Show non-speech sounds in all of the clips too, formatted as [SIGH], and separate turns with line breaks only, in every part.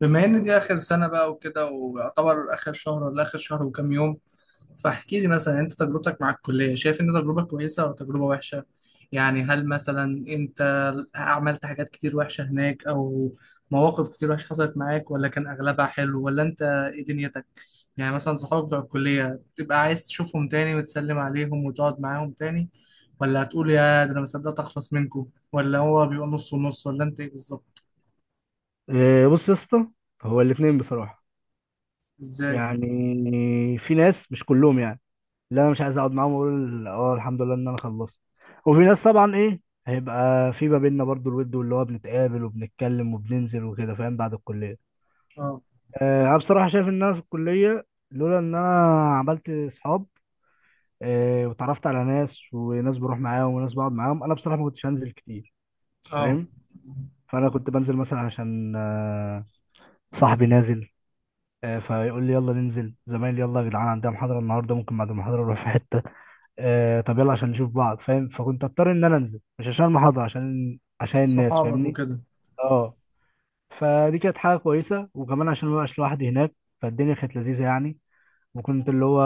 بما ان دي اخر سنه بقى وكده، ويعتبر اخر شهر ولا اخر شهر وكام يوم. فاحكي لي مثلا انت تجربتك مع الكليه، شايف ان تجربه كويسه ولا تجربه وحشه؟ يعني هل مثلا انت عملت حاجات كتير وحشه هناك، او مواقف كتير وحشه حصلت معاك، ولا كان اغلبها حلو؟ ولا انت ايه دنيتك؟ يعني مثلا صحابك بتوع الكليه تبقى عايز تشوفهم تاني وتسلم عليهم وتقعد معاهم تاني، ولا هتقول يا ده انا مصدقت اخلص منكم، ولا هو بيبقى نص ونص، ولا انت ايه بالظبط؟
بص يا اسطى، هو الاثنين بصراحه.
ازاي؟
يعني في ناس، مش كلهم يعني، لا انا مش عايز اقعد معاهم واقول اه الحمد لله ان انا خلصت. وفي ناس طبعا ايه، هيبقى في ما بيننا برضو الود، واللي هو بنتقابل وبنتكلم وبننزل وكده، فاهم، بعد الكليه.
اه.
انا بصراحه شايف ان انا في الكليه لولا ان انا عملت اصحاب، واتعرفت على ناس، وناس بروح معاهم وناس بقعد معاهم، انا بصراحه ما كنتش هنزل كتير،
اه،
فاهم. فانا كنت بنزل مثلا عشان صاحبي نازل، فيقول لي يلا ننزل، زمايلي يلا يا جدعان، عندنا محاضرة النهاردة ممكن بعد المحاضرة نروح في حتة. طب يلا عشان نشوف بعض، فاهم. فكنت اضطر ان انا انزل، مش عشان المحاضرة، عشان الناس،
صحابك
فاهمني.
وكده.
اه، فدي كانت حاجة كويسة، وكمان عشان ما بقاش لوحدي هناك، فالدنيا كانت لذيذة يعني. وكنت اللي هو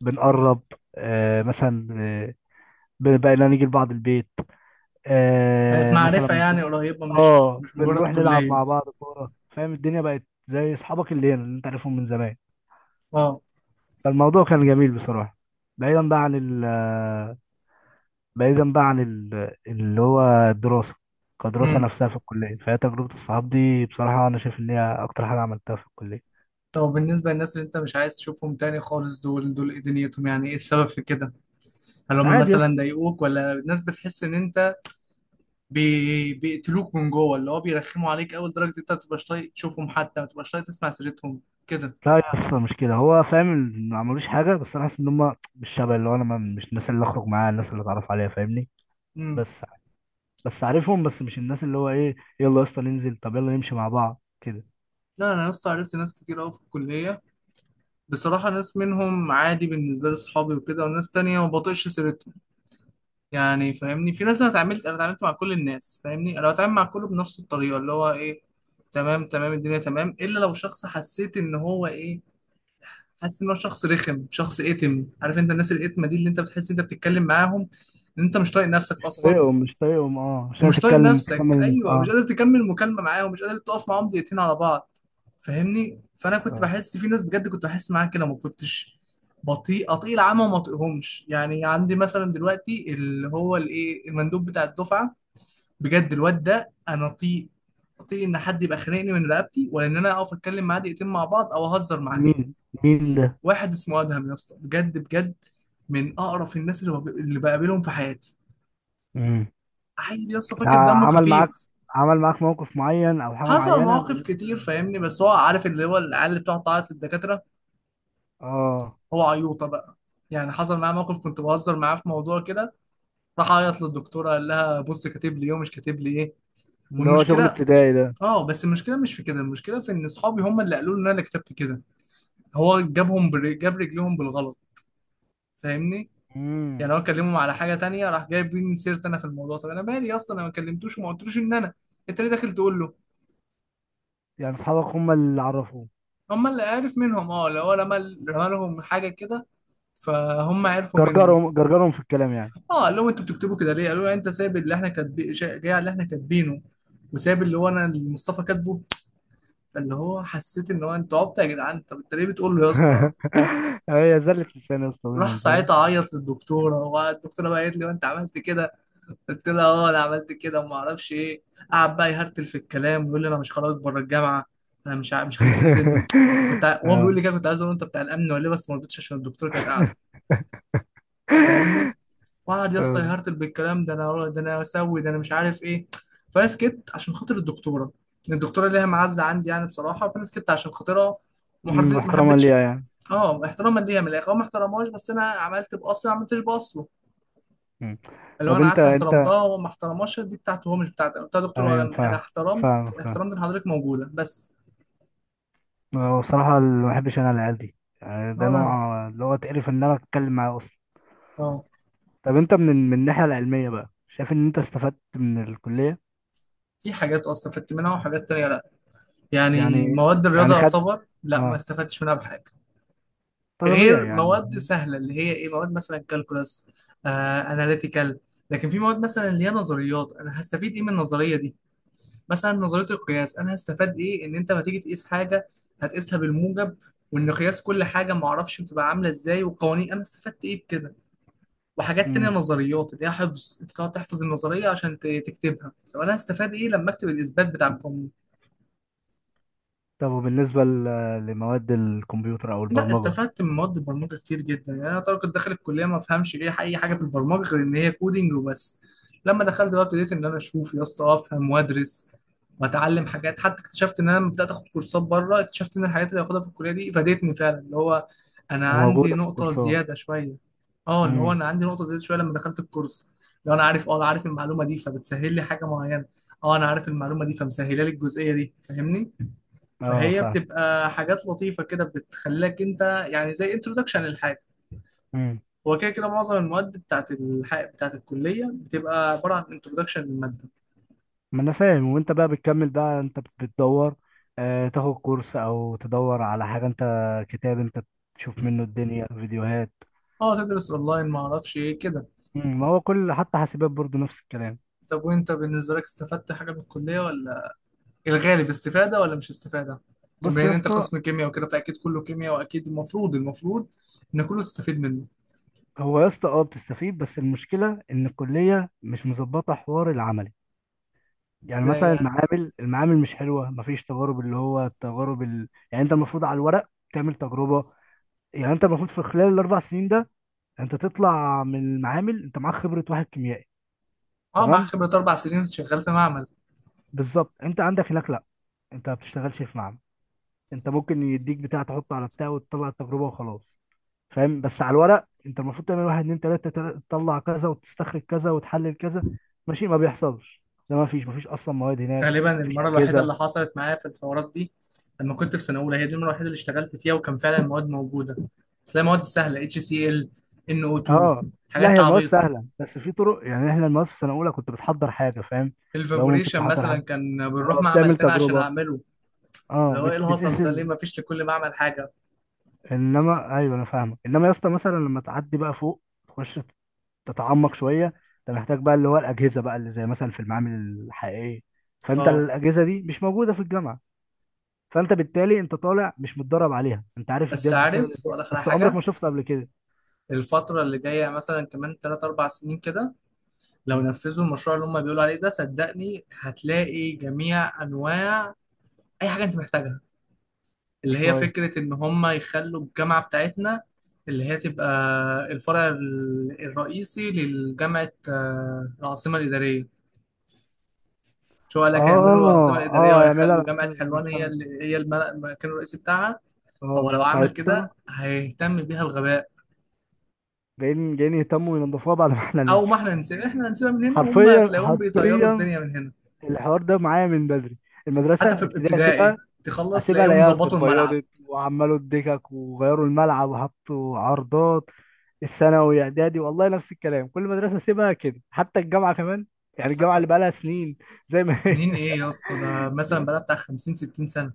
بنقرب، مثلا، بقينا نيجي لبعض البيت،
بقت معرفة
مثلا
يعني قريبة، مش
اه
مش مجرد
بنروح نلعب
كلية.
مع بعض كورة، فاهم. الدنيا بقت زي اصحابك اللي هنا اللي انت عارفهم من زمان،
اه.
فالموضوع كان جميل بصراحة. بعيدا بقى عن ال بعيدا بقى عن ال اللي هو الدراسة، كدراسة
امم.
نفسها في الكلية. فهي تجربة الصحاب دي، بصراحة أنا شايف إن هي أكتر حاجة عملتها في الكلية.
طب بالنسبة للناس اللي انت مش عايز تشوفهم تاني خالص، دول دول ايه دنيتهم؟ يعني ايه السبب في كده؟ هل هم
عادي يا
مثلا
اسطى.
ضايقوك، ولا الناس بتحس ان انت بيقتلوك من جوه؟ اللي هو بيرخموا عليك اول درجة انت ما بتبقاش طايق تشوفهم، حتى ما بتبقاش طايق تسمع سيرتهم كده.
لا يا اسطى مش كده، هو فاهم، ما عملوش حاجة، بس أنا حاسس إن هما مش شبه اللي هو أنا، مش الناس اللي أخرج معاها، الناس اللي أتعرف عليها، فاهمني.
امم.
بس، بس عارفهم، بس مش الناس اللي هو إيه يلا يا اسطى ننزل، طب يلا نمشي مع بعض كده.
لا انا يا اسطى عرفت ناس كتير قوي في الكلية. بصراحة ناس منهم عادي بالنسبة لي، صحابي وكده، وناس تانية ما بطيقش سيرتهم. يعني فاهمني، في ناس، انا اتعاملت مع كل الناس، فاهمني، انا بتعامل مع كله بنفس الطريقه، اللي هو ايه، تمام تمام، الدنيا تمام، الا لو شخص حسيت ان هو ايه، حاسس ان هو شخص رخم، شخص اتم. عارف انت الناس الاتمه دي، اللي انت بتحس انت بتتكلم معاهم ان انت مش طايق نفسك اصلا،
مش طايقهم، أه، مش
ومش طايق
هتتكلم،
نفسك،
تكمل،
ايوه،
أه.
مش قادر تكمل مكالمه معاهم، مش قادر تقف معاهم دقيقتين على بعض. فاهمني. فانا كنت
آه.
بحس في ناس بجد، كنت بحس معاها كده، ما كنتش بطيء اطيل العمى وما اطيقهمش. يعني عندي مثلا دلوقتي اللي هو الايه، المندوب بتاع الدفعه، بجد الواد ده انا اطيق، اطيق ان حد يبقى خانقني من رقبتي ولا ان انا اقف اتكلم معاه دقيقتين مع بعض او اهزر معاه.
مين مين ده؟
واحد اسمه ادهم يا اسطى، بجد بجد من اقرف الناس اللي اللي بقابلهم في حياتي.
امم.
عيل يا اسطى فاكر دمه
عمل معاك
خفيف.
عمل معاك موقف معين او حاجه
حصل
معينه،
مواقف
ولا
كتير فاهمني، بس هو عارف اللي هو العيال اللي بتقعد تعيط للدكاتره،
اه
هو عيوطه بقى. يعني حصل معاه موقف كنت بهزر معاه في موضوع كده، راح عيط للدكتوره، قال لها بص كاتب لي ايه ومش كاتب لي ايه.
اللي هو شغل
والمشكله،
ابتدائي ده؟
اه بس المشكله مش في كده، المشكله في ان اصحابي هم اللي قالوا لي ان انا اللي كتبت كده. هو جاب رجليهم بالغلط، فاهمني. يعني
امم.
هو كلمهم على حاجه تانية، راح جايبين سيرت انا في الموضوع. طب انا مالي اصلا؟ انا ما كلمتوش وما قلتلوش ان انا، انت ليه داخل تقول له؟
يعني اصحابك هم اللي عرفوه.
هم اللي عارف منهم. اه، لو هو رمى، رمى لهم حاجه كده، فهم عرفوا منه.
جرجرهم جرجرهم في الكلام يعني.
اه قال لهم انتوا بتكتبوا كده ليه؟ قالوا له انت سايب اللي احنا كاتبين جاي على اللي احنا كاتبينه، وسايب اللي هو انا اللي مصطفى كاتبه. فاللي هو حسيت ان هو، انتوا عبط يا جدعان، طب انت ليه بتقول له يا اسطى؟
[LAUGHS] هي زلة لسان يا اسطى
راح
بينهم، فاهم.
ساعتها عيط للدكتوره، والدكتوره بقى قالت لي انت عملت كده؟ قلت له اه انا عملت كده وما اعرفش ايه. قعد بقى يهرتل في الكلام، ويقول لي انا مش خرجك بره الجامعه، انا مش خليك تنزل من.
[LAUGHS]
وهو بيقول
اه.
لي كده، كنت عايز اقول له انت بتاع الامن ولا ايه، بس ما رضيتش عشان الدكتوره كانت قاعده. فاهمني. وقعد يا اسطى
آه.
يهرتل بالكلام ده، انا ده، انا اسوي ده، انا مش عارف ايه. فانا سكت عشان خاطر الدكتوره. الدكتوره ليها معزه عندي يعني بصراحه، فانا سكت عشان خاطرها.
أمم،
ما
واحتراما
حبيتش.
ليها يعني.
اه، احتراما ليها من الاخر. هو ما احترمهاش، بس انا عملت باصلي ما عملتش باصله.
أمم.
اللي هو
طب
انا قعدت
انت،
احترمتها وهو ما احترمهاش. دي بتاعته هو مش بتاعتي، انا قلت له يا دكتور، ولا
ايوه
انا، أنا
فاهم،
احترمت،
فاهم، فاهم.
احترمت ان حضرتك موجوده بس.
هو بصراحة اللي ما بحبش انا العيال دي، يعني
ولا
ده
انا.
نوع اللي هو تقرف ان انا اتكلم معاه.
اه.
طب انت من الناحية العلمية بقى، شايف ان انت استفدت من الكلية؟
في حاجات اصلا استفدت منها، وحاجات تانية لا. يعني
يعني
مواد الرياضه
يعني خد،
يعتبر لا، ما
اه،
استفدتش منها بحاجه،
ده طبيعي
غير
يعني.
مواد سهله اللي هي ايه، مواد مثلا كالكولاس، اناليتيكال. لكن في مواد مثلا اللي هي نظريات، انا هستفيد ايه من النظريه دي؟ مثلا نظريه القياس، انا هستفاد ايه ان انت ما تيجي تقيس حاجه هتقيسها بالموجب، وان قياس كل حاجه ما اعرفش بتبقى عامله ازاي، وقوانين، انا استفدت ايه بكده؟ وحاجات تانية،
امم.
نظريات اللي هي حفظ، انت تقعد تحفظ النظرية عشان تكتبها، طب انا هستفاد ايه لما اكتب الاثبات بتاع.
طب وبالنسبة لمواد الكمبيوتر او
لا،
البرمجة؟
استفدت من مواد البرمجه كتير جدا. يعني انا طبعا كنت داخل الكليه ما افهمش ليه اي حاجه في البرمجه غير ان هي كودينج وبس. لما دخلت بقى ابتديت ان انا اشوف يا اسطى، افهم وادرس واتعلم حاجات. حتى اكتشفت ان انا لما بدات اخد كورسات بره، اكتشفت ان الحاجات اللي باخدها في الكليه دي فادتني فعلا. اللي هو انا عندي
وموجودة في
نقطه
الكورسات.
زياده شويه. اه، اللي هو
امم.
انا عندي نقطه زياده شويه لما دخلت الكورس. لو انا عارف، اه انا عارف المعلومه دي، فبتسهل لي حاجه معينه. اه انا عارف المعلومه دي، فمسهله لي الجزئيه دي، فاهمني.
اه
فهي
فاهم.
بتبقى حاجات لطيفة كده، بتخليك انت، يعني زي انترودكشن للحاجة.
امم.
هو كده كده معظم المواد بتاعت الحق بتاعت الكلية بتبقى عبارة عن انترودكشن للمادة.
ما انا فاهم، وانت بقى بتكمل بقى، انت بتدور، آه، تاخد كورس او تدور على حاجة، انت كتاب، انت تشوف منه الدنيا، فيديوهات.
اه تدرس اونلاين ما اعرفش ايه كده.
امم. ما هو كل حتى حاسبات برضه نفس الكلام.
طب وانت بالنسبة لك استفدت حاجة من الكلية ولا، الغالب استفادة ولا مش استفادة؟ يعني
بص
بما
يا
ان انت
اسطى.
قسم كيمياء وكده، فاكيد كله كيمياء، واكيد المفروض ان كله تستفيد منه.
هو يا اسطى اه بتستفيد، بس المشكله ان الكليه مش مظبطه حوار العملي. يعني
ازاي
مثلا
يعني؟
المعامل، مش حلوه، مفيش تجارب، اللي هو التجارب يعني انت المفروض على الورق تعمل تجربه. يعني انت المفروض في خلال ال4 سنين ده، انت تطلع من المعامل انت معاك خبره واحد كيميائي.
اه معاك
تمام،
خبرة 4 سنين شغال في معمل.
بالظبط. انت عندك هناك لا، انت ما بتشتغلش في معمل، انت ممكن يديك بتاع تحطه على بتاع وتطلع التجربه وخلاص، فاهم. بس على الورق انت المفروض تعمل واحد اتنين تلاته، تطلع كذا، وتستخرج كذا، وتحلل كذا، ماشي. ما بيحصلش ده، ما فيش اصلا مواد هناك،
غالبا
ما فيش
المرة الوحيدة
اجهزه.
اللي حصلت معايا في الحوارات دي لما كنت في سنة أولى، هي دي المرة الوحيدة اللي اشتغلت فيها وكان فعلا المواد موجودة. بس هي مواد سهلة، HCl، NO2،
اه لا،
حاجات
هي المواد
عبيطة.
سهله، بس في طرق. يعني احنا المواد في سنه اولى كنت بتحضر حاجه، فاهم. لو ممكن
الفابوريشن
تحضر
مثلا
حاجه،
كان بنروح
اه
معمل
بتعمل
تاني عشان
تجربه،
أعمله. اللي
اه
هو إيه الهطل
بتقيس
ده؟ ليه مفيش لكل معمل حاجة؟
انما ايوه انا فاهمك. انما يا اسطى مثلا لما تعدي بقى فوق، تخش، تتعمق شويه، انت محتاج بقى اللي هو الاجهزه بقى اللي زي مثلا في المعامل الحقيقيه. فانت
أه،
الاجهزه دي مش موجوده في الجامعه، فانت بالتالي انت طالع مش متدرب عليها، انت عارف
بس
الجهاز بيشتغل
عارف
ازاي،
ولا آخر
بس عمرك
حاجة.
ما شفته قبل كده.
الفترة اللي جاية مثلا كمان 3 4 سنين كده، لو
مم.
نفذوا المشروع اللي هم بيقولوا عليه ده، صدقني هتلاقي جميع أنواع أي حاجة أنت محتاجها. اللي هي
شويه.
فكرة إن هم يخلوا الجامعة بتاعتنا، اللي هي تبقى الفرع الرئيسي لجامعة العاصمة الإدارية. شو قال لك هيعملوا العاصمة
اه،
الإدارية
اه يعملها
وهيخلوا
على أساس
جامعة
إنه
حلوان هي
يفهم.
اللي هي المكان الرئيسي بتاعها.
اه
هو لو عمل
فهيضطر،
كده هيهتم بيها بغباء.
جايين جايين يهتموا ينضفوها بعد ما [LAUGHS] احنا
أو ما
نمشي.
إحنا نسيب، إحنا هنسيبها من هنا، وهم
حرفيا
هتلاقيهم بيطيروا
حرفيا،
الدنيا من هنا.
الحوار ده معايا من بدري.
حتى في
المدرسه ابتدائي
الابتدائي،
سيبها،
تخلص
اسيبها
تلاقيهم
الاقيها
ظبطوا الملعب.
اتبيضت وعملوا الدكك وغيروا الملعب وحطوا عرضات. الثانوي اعدادي والله نفس الكلام، كل مدرسه اسيبها كده. حتى الجامعه كمان، يعني الجامعه
حتى
اللي بقالها سنين زي ما هي.
سنين إيه يا اسطى، ده
[LAUGHS]
مثلا
يس.
بقى بتاع 50 60 سنة.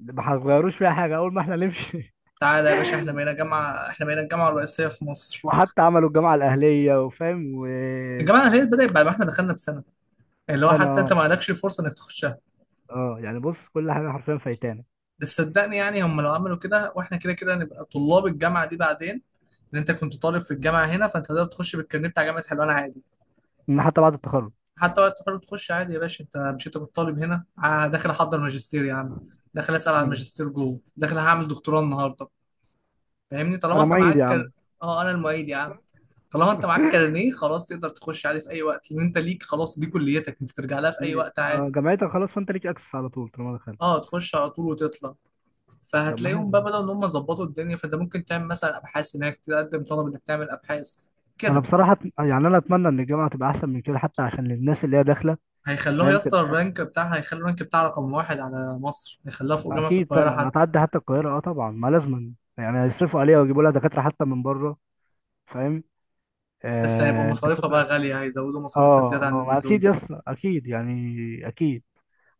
ما هيغيروش فيها حاجه اول ما احنا نمشي.
تعالى يا باشا، احنا بقينا جامعة، احنا بقينا الجامعة الرئيسية في
[LAUGHS]
مصر.
وحتى عملوا الجامعه الاهليه وفاهم. وفي
الجامعة الأهلية بدأت بعد ما احنا دخلنا بسنة، اللي هو
سنه،
حتى
اه،
انت ما عندكش الفرصة انك تخشها.
اه يعني بص، كل حاجه حرفيا فايتانا.
بس صدقني يعني هم لو عملوا كده، واحنا كده كده نبقى طلاب الجامعة دي بعدين. ان انت كنت طالب في الجامعة هنا، فانت تقدر تخش بالكارنيه بتاع جامعة حلوان عادي.
من حتى بعد التخرج.
حتى وقت التخرج تخش عادي يا باشا. انت مش انت كنت طالب هنا؟ داخل احضر ماجستير يا عم، داخل اسأل على
مم.
الماجستير جوه، داخل هعمل دكتوراه النهارده. فاهمني طالما
انا
انت
معيد
معاك
يا عم.
اه انا المعيد يا عم. طالما انت معاك كارنيه خلاص تقدر تخش عادي في اي وقت، لان انت ليك خلاص دي كليتك، انت ترجع لها في اي وقت عادي.
جامعتك خلاص، فانت ليك اكسس على طول طالما دخلت.
اه تخش على طول وتطلع.
طب ما حلو.
فهتلاقيهم بقى بدأوا ان هم ظبطوا الدنيا، فانت ممكن تعمل مثلا ابحاث هناك، تقدم طلب انك تعمل ابحاث
انا
كده.
بصراحه يعني انا اتمنى ان الجامعه تبقى احسن من كده، حتى عشان الناس اللي هي داخله،
هيخلوها يا
فاهم،
اسطى،
تبقى
الرانك بتاعها هيخلوا الرانك بتاعها رقم 1 على مصر، هيخلوها فوق جامعة
اكيد
القاهرة
طبعا،
حتى.
هتعدي حتى القاهره، اه طبعا ما لازما. يعني هيصرفوا عليها ويجيبوا لها دكاتره حتى من بره، فاهم،
بس هيبقى
آه
مصاريفها بقى
الدكاتره.
غالية، هيزودوا مصاريفها
اه
زيادة عن
ما اكيد
اللزوم.
يا اسطى اكيد يعني، اكيد.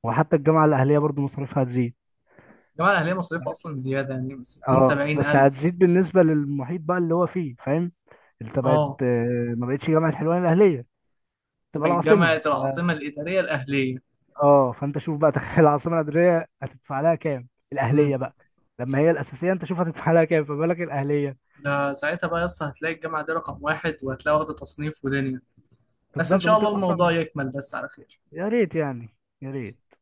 وحتى الجامعه الاهليه برضو مصاريفها هتزيد.
الجامعة الأهلية مصاريفها أصلا زيادة، يعني 60
اه
70
بس
ألف.
هتزيد بالنسبه للمحيط بقى اللي هو فيه، فاهم، اللي تبقت
اه
ما بقتش جامعه حلوان الاهليه، تبقى
تبقى
العاصمه.
الجامعة العاصمة الإدارية الأهلية.
اه، فانت شوف بقى، تخيل العاصمه الاداريه هتدفع لها كام، الاهليه بقى لما هي الاساسيه انت شوف هتدفع لها كام، فما بالك الاهليه.
ده ساعتها بقى يا اسطى هتلاقي الجامعة دي رقم 1، وهتلاقي واخدة تصنيف ودنيا. بس إن
بالظبط،
شاء
ممكن
الله
اصلا.
الموضوع يكمل بس على خير.
يا ريت يعني، يا ريت.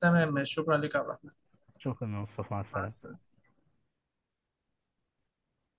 تمام ماشي، شكرا ليك يا عبد الرحمن.
شكرا يا مصطفى، مع
مع
السلامه.
السلامة.